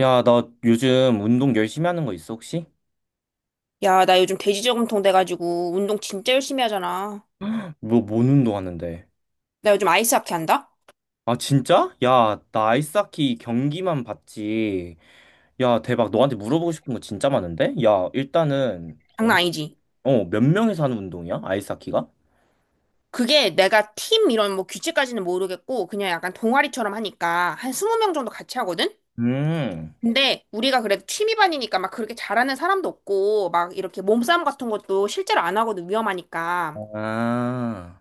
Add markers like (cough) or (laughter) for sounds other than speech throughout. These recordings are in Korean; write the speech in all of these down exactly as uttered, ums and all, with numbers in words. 야, 나 요즘 운동 열심히 하는 거 있어, 혹시? 야, 나 요즘 돼지저금통 돼가지고 운동 진짜 열심히 하잖아. 뭐, 뭔 운동 하는데? 나 요즘 아이스하키 한다? 아, 진짜? 야, 나 아이스하키 경기만 봤지. 야, 대박. 너한테 물어보고 싶은 거 진짜 많은데? 야, 일단은, 장난 아니지? 어, 몇 명이서 하는 운동이야? 아이스하키가? 그게 내가 팀 이런 뭐 규칙까지는 모르겠고 그냥 약간 동아리처럼 하니까 한 이십 명 정도 같이 하거든? 음. 근데 우리가 그래도 취미반이니까 막 그렇게 잘하는 사람도 없고 막 이렇게 몸싸움 같은 것도 실제로 안 하거든, 위험하니까. 아.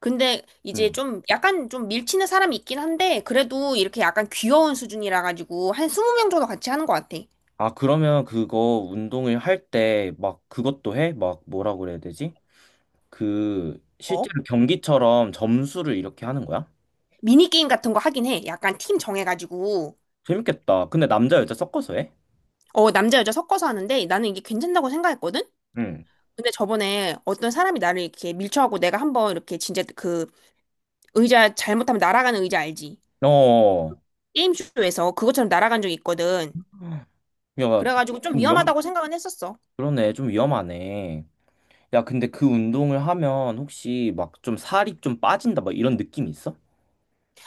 근데 이제 음. 좀 약간 좀 밀치는 사람이 있긴 한데 그래도 이렇게 약간 귀여운 수준이라 가지고 한 이십 명 정도 같이 하는 것 같아. 아, 그러면 그거 운동을 할 때 막 그것도 해? 막 뭐라 그래야 되지? 그, 어? 실제로 경기처럼 점수를 이렇게 하는 거야? 미니게임 같은 거 하긴 해. 약간 팀 정해가지고. 재밌겠다. 근데 남자, 여자 섞어서 해? 어, 남자, 여자 섞어서 하는데 나는 이게 괜찮다고 생각했거든? 응. 근데 저번에 어떤 사람이 나를 이렇게 밀쳐하고 내가 한번 이렇게 진짜 그 의자, 잘못하면 날아가는 의자 알지? 어, 게임쇼에서 그것처럼 날아간 적이 있거든. 야, 그래가지고 좀 좀 위험, 음. 위험하다고 생각은 했었어. 그러네, 좀 위험하네. 야, 근데 그 운동을 하면 혹시 막 좀 살이 좀 빠진다, 막 이런 느낌 있어?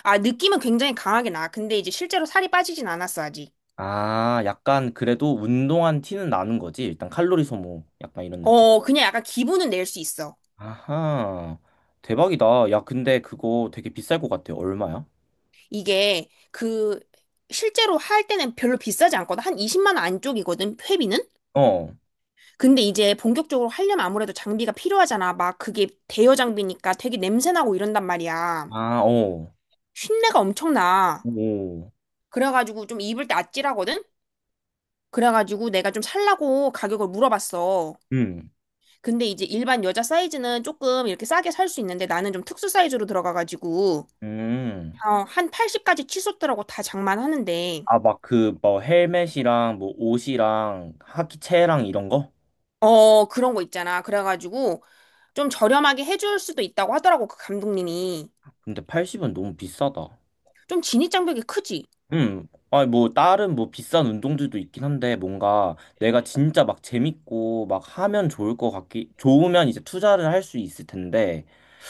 아, 느낌은 굉장히 강하게 나. 근데 이제 실제로 살이 빠지진 않았어, 아직. 아, 약간 그래도 운동한 티는 나는 거지. 일단 칼로리 소모, 약간 이런 느낌. 어, 그냥 약간 기분은 낼 수 있어. 아하, 대박이다. 야, 근데 그거 되게 비쌀 것 같아. 얼마야? 이게 그 실제로 할 때는 별로 비싸지 않거든. 한 이십만 원 안쪽이거든, 회비는? 어, 근데 이제 본격적으로 하려면 아무래도 장비가 필요하잖아. 막 그게 대여 장비니까 되게 냄새나고 이런단 말이야. 아, 어, 쉰내가 엄청나. 오, 그래가지고 좀 입을 때 아찔하거든? 그래가지고 내가 좀 살라고 가격을 물어봤어. 음, 근데 이제 일반 여자 사이즈는 조금 이렇게 싸게 살 수 있는데 나는 좀 특수 사이즈로 들어가가지고 음. 어, 한 팔십까지 치솟더라고, 다 장만하는데. 아, 막 그 뭐 헬멧이랑 뭐 옷이랑 하키채랑 이런 거? 어, 그런 거 있잖아. 그래가지고 좀 저렴하게 해줄 수도 있다고 하더라고, 그 감독님이. 근데 팔십은 너무 비싸다. 좀 진입 장벽이 크지? 음, 아니 뭐 다른 뭐 비싼 운동들도 있긴 한데 뭔가 내가 진짜 막 재밌고 막 하면 좋을 것 같기 좋으면 이제 투자를 할 수 있을 텐데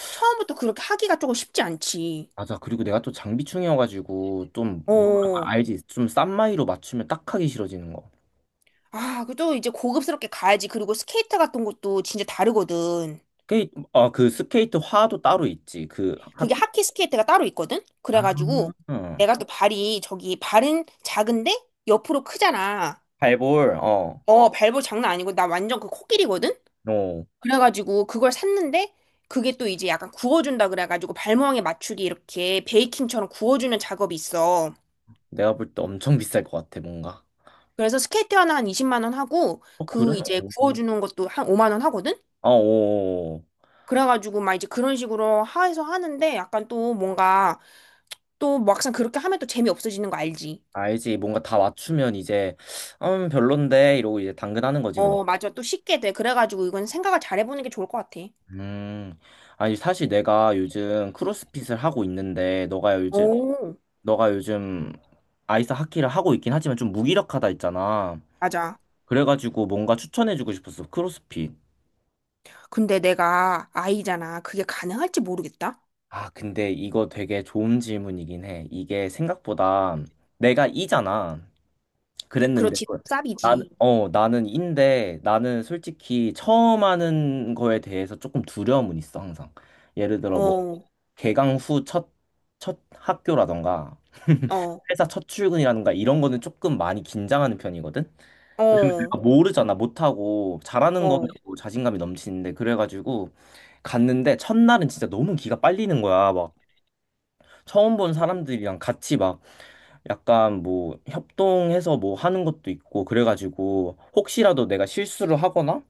처음부터 그렇게 하기가 조금 쉽지 않지. 맞아 그리고 내가 또 장비충이어가지고 좀 음. 뭐랄까 어. 알지 좀 싼 마이로 맞추면 딱 하기 싫어지는 거. 아, 그래도 이제 고급스럽게 가야지. 그리고 스케이트 같은 것도 진짜 다르거든. 스케이트 아그 스케이트 화도 따로 있지 그 학, 그게 하키 스케이트가 따로 있거든? 아, 그래가지고 응. 내가 또 발이, 저기 발은 작은데 옆으로 크잖아. 발볼 어, 어, 발볼 장난 아니고 나 완전 그 코끼리거든? 어 그래가지고 그걸 샀는데 그게 또 이제 약간 구워준다 그래가지고 발모양에 맞추게 이렇게 베이킹처럼 구워주는 작업이 있어. 내가 볼 때 엄청 비쌀 것 같아 뭔가. 그래서 스케이트 하나 한 이십만 원 하고 어 그래? 그 이제 어, 구워주는 것도 한 오만 원 하거든? 어, 어. 그래가지고 막 이제 그런 식으로 해서 하는데 약간 또 뭔가 또 막상 그렇게 하면 또 재미없어지는 거 알지? 알지. 뭔가 다 맞추면 이제, 음, 별론데, 이러고 이제 당근하는 거지, 뭐. 어, 맞아. 또 쉽게 돼. 그래가지고 이건 생각을 잘 해보는 게 좋을 것 같아. 음. 아니, 사실 내가 요즘 크로스핏을 하고 있는데, 너가 요즘, 오. 너가 요즘 아이스 하키를 하고 있긴 하지만 좀 무기력하다 했잖아. 맞아. 그래가지고 뭔가 추천해주고 싶었어, 크로스핏. 근데 내가 아이잖아. 그게 가능할지 모르겠다. 아, 근데 이거 되게 좋은 질문이긴 해. 이게 생각보다 내가 이잖아. 그랬는데 그렇지. 쌉이지. 나는 어 나는 인데 나는 솔직히 처음 하는 거에 대해서 조금 두려움은 있어 항상 예를 들어 뭐 어, 개강 후 첫 첫 학교라던가 어, 회사 첫 출근이라든가 이런 거는 조금 많이 긴장하는 편이거든 왜냐면 어, 내가 모르잖아 못하고 잘하는 어, 거면 뭐 자신감이 넘치는데 그래가지고 갔는데 첫날은 진짜 너무 기가 빨리는 거야 막 처음 본 사람들이랑 같이 막 약간 뭐 협동해서 뭐 하는 것도 있고 그래가지고 혹시라도 내가 실수를 하거나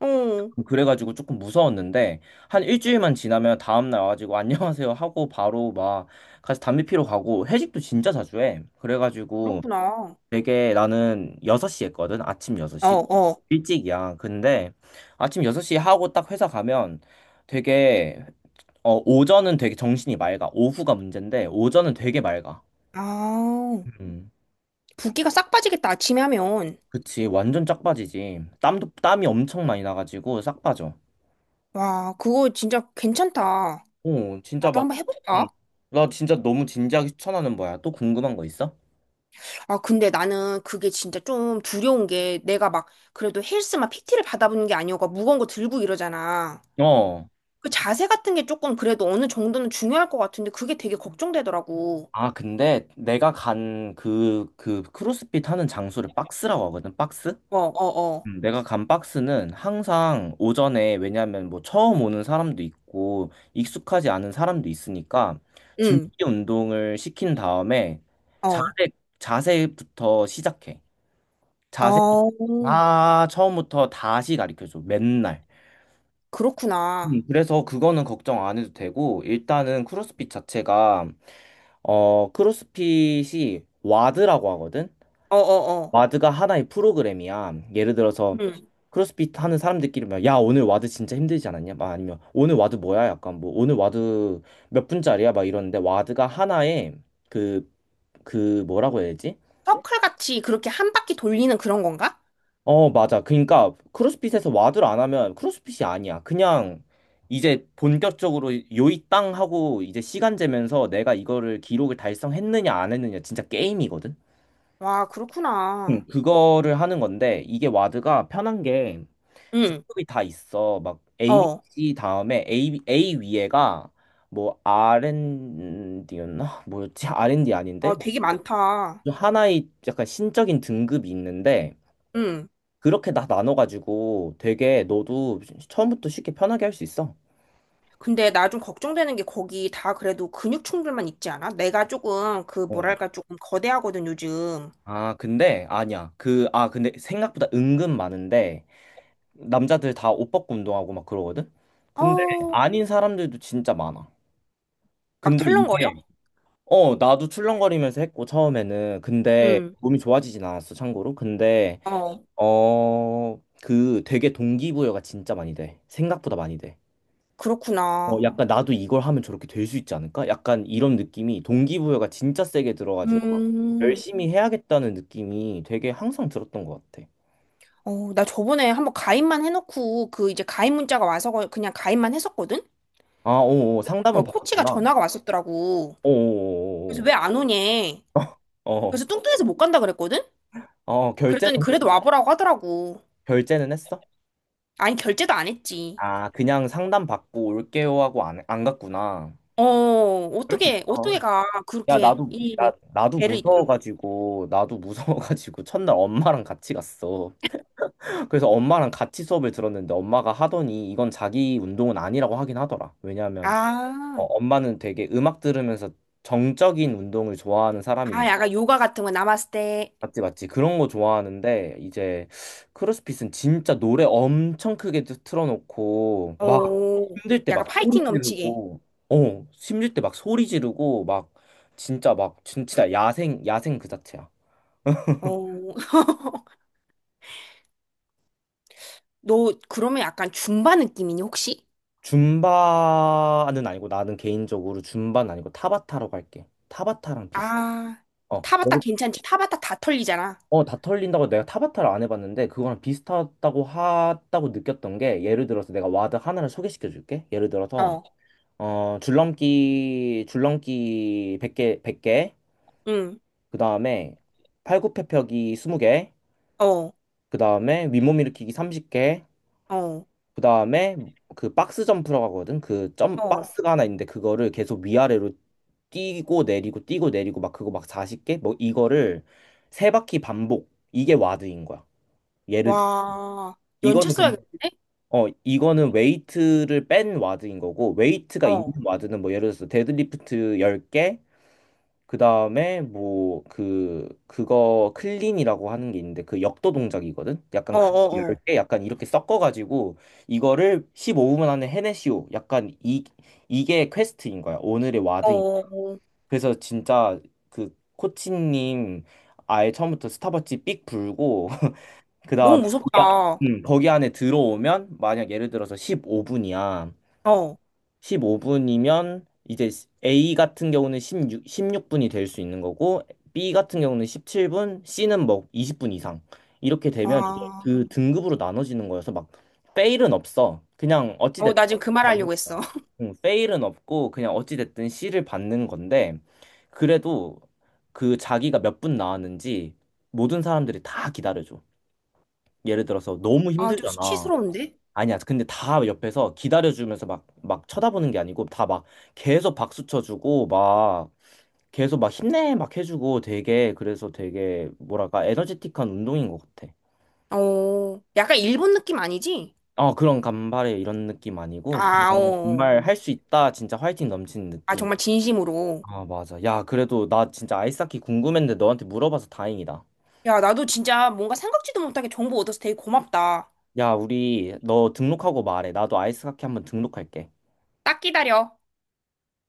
어. 그래가지고 조금 무서웠는데 한 일주일만 지나면 다음날 와가지고 안녕하세요 하고 바로 막 같이 담배 피러 가고 회식도 진짜 자주 해. 그래가지고 그렇구나. 되게 나는 여섯 시 했거든. 아침 어, 여섯 시. 어. 일찍이야. 근데 아침 여섯 시 하고 딱 회사 가면 되게 어 오전은 되게 정신이 맑아. 오후가 문제인데 오전은 되게 맑아. 아, 음. 붓기가 싹 빠지겠다, 아침에 하면. 그치, 완전 짝 빠지지. 땀도, 땀이 엄청 많이 나가지고 싹 빠져. 와, 그거 진짜 괜찮다. 어 진짜 나도 막, 한번 해볼까? 응. 나 진짜 너무 진지하게 추천하는 거야. 또 궁금한 거 있어? 아, 근데 나는 그게 진짜 좀 두려운 게, 내가 막 그래도 헬스만 피티를 받아보는 게 아니어가 무거운 거 들고 이러잖아. 어. 그 자세 같은 게 조금 그래도 어느 정도는 중요할 것 같은데, 그게 되게 걱정되더라고. 아, 근데 내가 간 그, 그 크로스핏 하는 장소를 박스라고 하거든, 박스? 어, 어, 어. 음. 내가 간 박스는 항상 오전에, 왜냐면 뭐 처음 오는 사람도 있고, 익숙하지 않은 사람도 있으니까, 준비 응. 운동을 시킨 다음에, 어. 자세, 자세부터 시작해. 자세 어. 다 처음부터 다시 가르쳐줘. 맨날. 음, 그렇구나. 그래서 그거는 걱정 안 해도 되고, 일단은 크로스핏 자체가, 어, 크로스핏이 와드라고 하거든? 어, 어, 어. 와드가 하나의 프로그램이야. 예를 들어서, 응. 크로스핏 하는 사람들끼리 막, 야, 오늘 와드 진짜 힘들지 않았냐? 막 아니면, 오늘 와드 뭐야? 약간 뭐, 오늘 와드 몇 분짜리야? 막 이러는데, 와드가 하나의 그, 그 뭐라고 해야 되지? 서클 같이 그렇게 한 바퀴 돌리는 그런 건가? 어, 맞아. 그러니까 크로스핏에서 와드를 안 하면 크로스핏이 아니야. 그냥 이제 본격적으로 요이 땅 하고 이제 시간 재면서 내가 이거를 기록을 달성했느냐 안 했느냐 진짜 게임이거든. 와, 응. 그렇구나. 그거를 하는 건데 이게 와드가 편한 게 응. 등급이 다 있어. 막 A, B, 어. C 다음에 A, A 위에가 뭐 알앤디였나? 뭐였지? 알앤디 아, 아닌데? 되게 많다. 하나의 약간 신적인 등급이 있는데 응. 그렇게 다 나눠가지고 되게 너도 처음부터 쉽게 편하게 할 수 있어. 근데 나 좀 걱정되는 게, 거기 다 그래도 근육충들만 있지 않아? 내가 조금 그 어. 뭐랄까 조금 거대하거든 요즘. 아, 근데 아니야. 그, 아, 근데 생각보다 은근 많은데 남자들 다 옷 벗고 운동하고 막 그러거든? 근데 어, 아닌 사람들도 진짜 많아. 막 근데 털렁거려? 이게, 어, 나도 출렁거리면서 했고, 처음에는. 근데 응. 몸이 좋아지진 않았어, 참고로. 근데, 어, 어, 그 되게 동기부여가 진짜 많이 돼. 생각보다 많이 돼. 어, 그렇구나. 약간 나도 이걸 하면 저렇게 될 수 있지 않을까? 약간 이런 느낌이 동기부여가 진짜 세게 들어가지고 막 음. 열심히 해야겠다는 느낌이 되게 항상 들었던 것 같아. 어, 나 저번에 한번 가입만 해놓고 그 이제 가입 문자가 와서 거- 그냥 가입만 했었거든? 아, 오, 오, 상담은 그 코치가 받았구나. 전화가 왔었더라고. 그래서 오, 오, 왜 안 오냐? 오, 오. 어, 그래서 뚱뚱해서 못 간다 그랬거든? 어, 어, 결제는 그랬더니 했- 그래도 와보라고 하더라고. 결제는 했어? 아니 결제도 안 했지. 아, 그냥 상담 받고 올게요 하고 안, 안 갔구나. 어, 그럴 수 어떻게, 있어. 어떻게 가. 야, 그렇게 나도 나 이 나도 배를 이끌고. 무서워가지고 나도 무서워가지고 (laughs) 첫날 엄마랑 같이 갔어. 그래서 엄마랑 같이 수업을 들었는데 엄마가 하더니 이건 자기 운동은 아니라고 하긴 하더라. 왜냐하면 어, 아, 엄마는 되게 음악 들으면서 정적인 운동을 좋아하는 아, 사람인데 약간 요가 같은 거, 나마스테. 맞지, 맞지, 그런 거 좋아하는데 이제 크로스핏은 진짜 노래 엄청 크게 틀- 틀어놓고 막 어, 힘들 때 막 약간 소리 파이팅 넘치게. 지르고 어 힘들 때 막 소리 지르고 막 진짜 막 진- 진짜 야생 야생 그 자체야. 어, (laughs) 너 그러면 약간 줌바 느낌이니, 혹시? 줌바는 아니고 나는 개인적으로 줌바는 아니고 타바타라고 할게. 타바타랑 비슷. 아, 어, 타바타 예를- 괜찮지? 타바타 다 털리잖아. 어, 다 털린다고 내가 타바타를 안 해봤는데 그거랑 비슷하다고 하다고 느꼈던 게 예를 들어서 내가 와드 하나를 소개시켜 줄게. 예를 들어서 어, 어, 줄넘기 줄넘기 백개 백 개 응, 그다음에 팔굽혀펴기 스무 개 어, 그다음에 윗몸 일으키기 서른 개 어, 그다음에 그 박스 점프라고 하거든. 그 점 어. 박스가 하나 있는데 그거를 계속 위아래로 뛰고 내리고 뛰고 내리고 막 그거 막 마흔 개 뭐 이거를 세 바퀴 반복. 이게 와드인 거야. 예를 들 와, 연차 이거는 근 써야겠는데? 어 이거는 웨이트를 뺀 와드인 거고 웨이트가 어, 있는 어, 와드는 뭐 예를 들어서 데드리프트 열 개 그다음에 뭐 그 그거 클린이라고 하는 게 있는데 그 역도 동작이거든. 약간 그 열 어, 개 약간 이렇게 섞어 가지고 이거를 십오 분 안에 해내시오. 약간 이 이게 퀘스트인 거야. 오늘의 어, 와드인. 어. 그래서 진짜 그 코치님 아예 처음부터 스타벅지 삑 불고 (laughs) 너무 그다음에 무섭다. 거기, 안- 어, 음, 거기 안에 들어오면 만약 예를 들어서 십오 분이야. 십오 분이면 이제 A 같은 경우는 십육, 십육 분이 될 수 있는 거고 B 같은 경우는 십칠 분, C는 뭐 이십 분 이상 이렇게 되면 이제 아, 그 등급으로 나눠지는 거여서 막 페일은 없어. 그냥 어찌 어, 됐든 나 지금 그 말 받는 하려고 거야. 했어. 응, 페일은 없고 그냥 어찌 됐든 C를 받는 건데 그래도 그 자기가 몇 분 나왔는지 모든 사람들이 다 기다려줘. 예를 들어서 너무 아, 좀 힘들잖아. 수치스러운데? 아니야. 근데 다 옆에서 기다려주면서 막, 막 쳐다보는 게 아니고 다 막 계속 박수 쳐주고 막 계속 막 힘내 막 해주고 되게 그래서 되게 뭐랄까 에너제틱한 운동인 것 같아. 어, 약간 일본 느낌 아니지? 어, 그런 간발의 이런 느낌 아니고 아, 어. 그냥 어. 정말 할 수 있다. 진짜 화이팅 넘치는 아, 느낌. 정말 진심으로. 아, 맞아. 야, 그래도 나 진짜 아이스하키 궁금했는데 너한테 물어봐서 다행이다. 야, 나도 진짜 뭔가 생각지도 못하게 정보 얻어서 되게 고맙다. 야, 우리 너 등록하고 말해. 나도 아이스하키 한번 등록할게. 딱 기다려.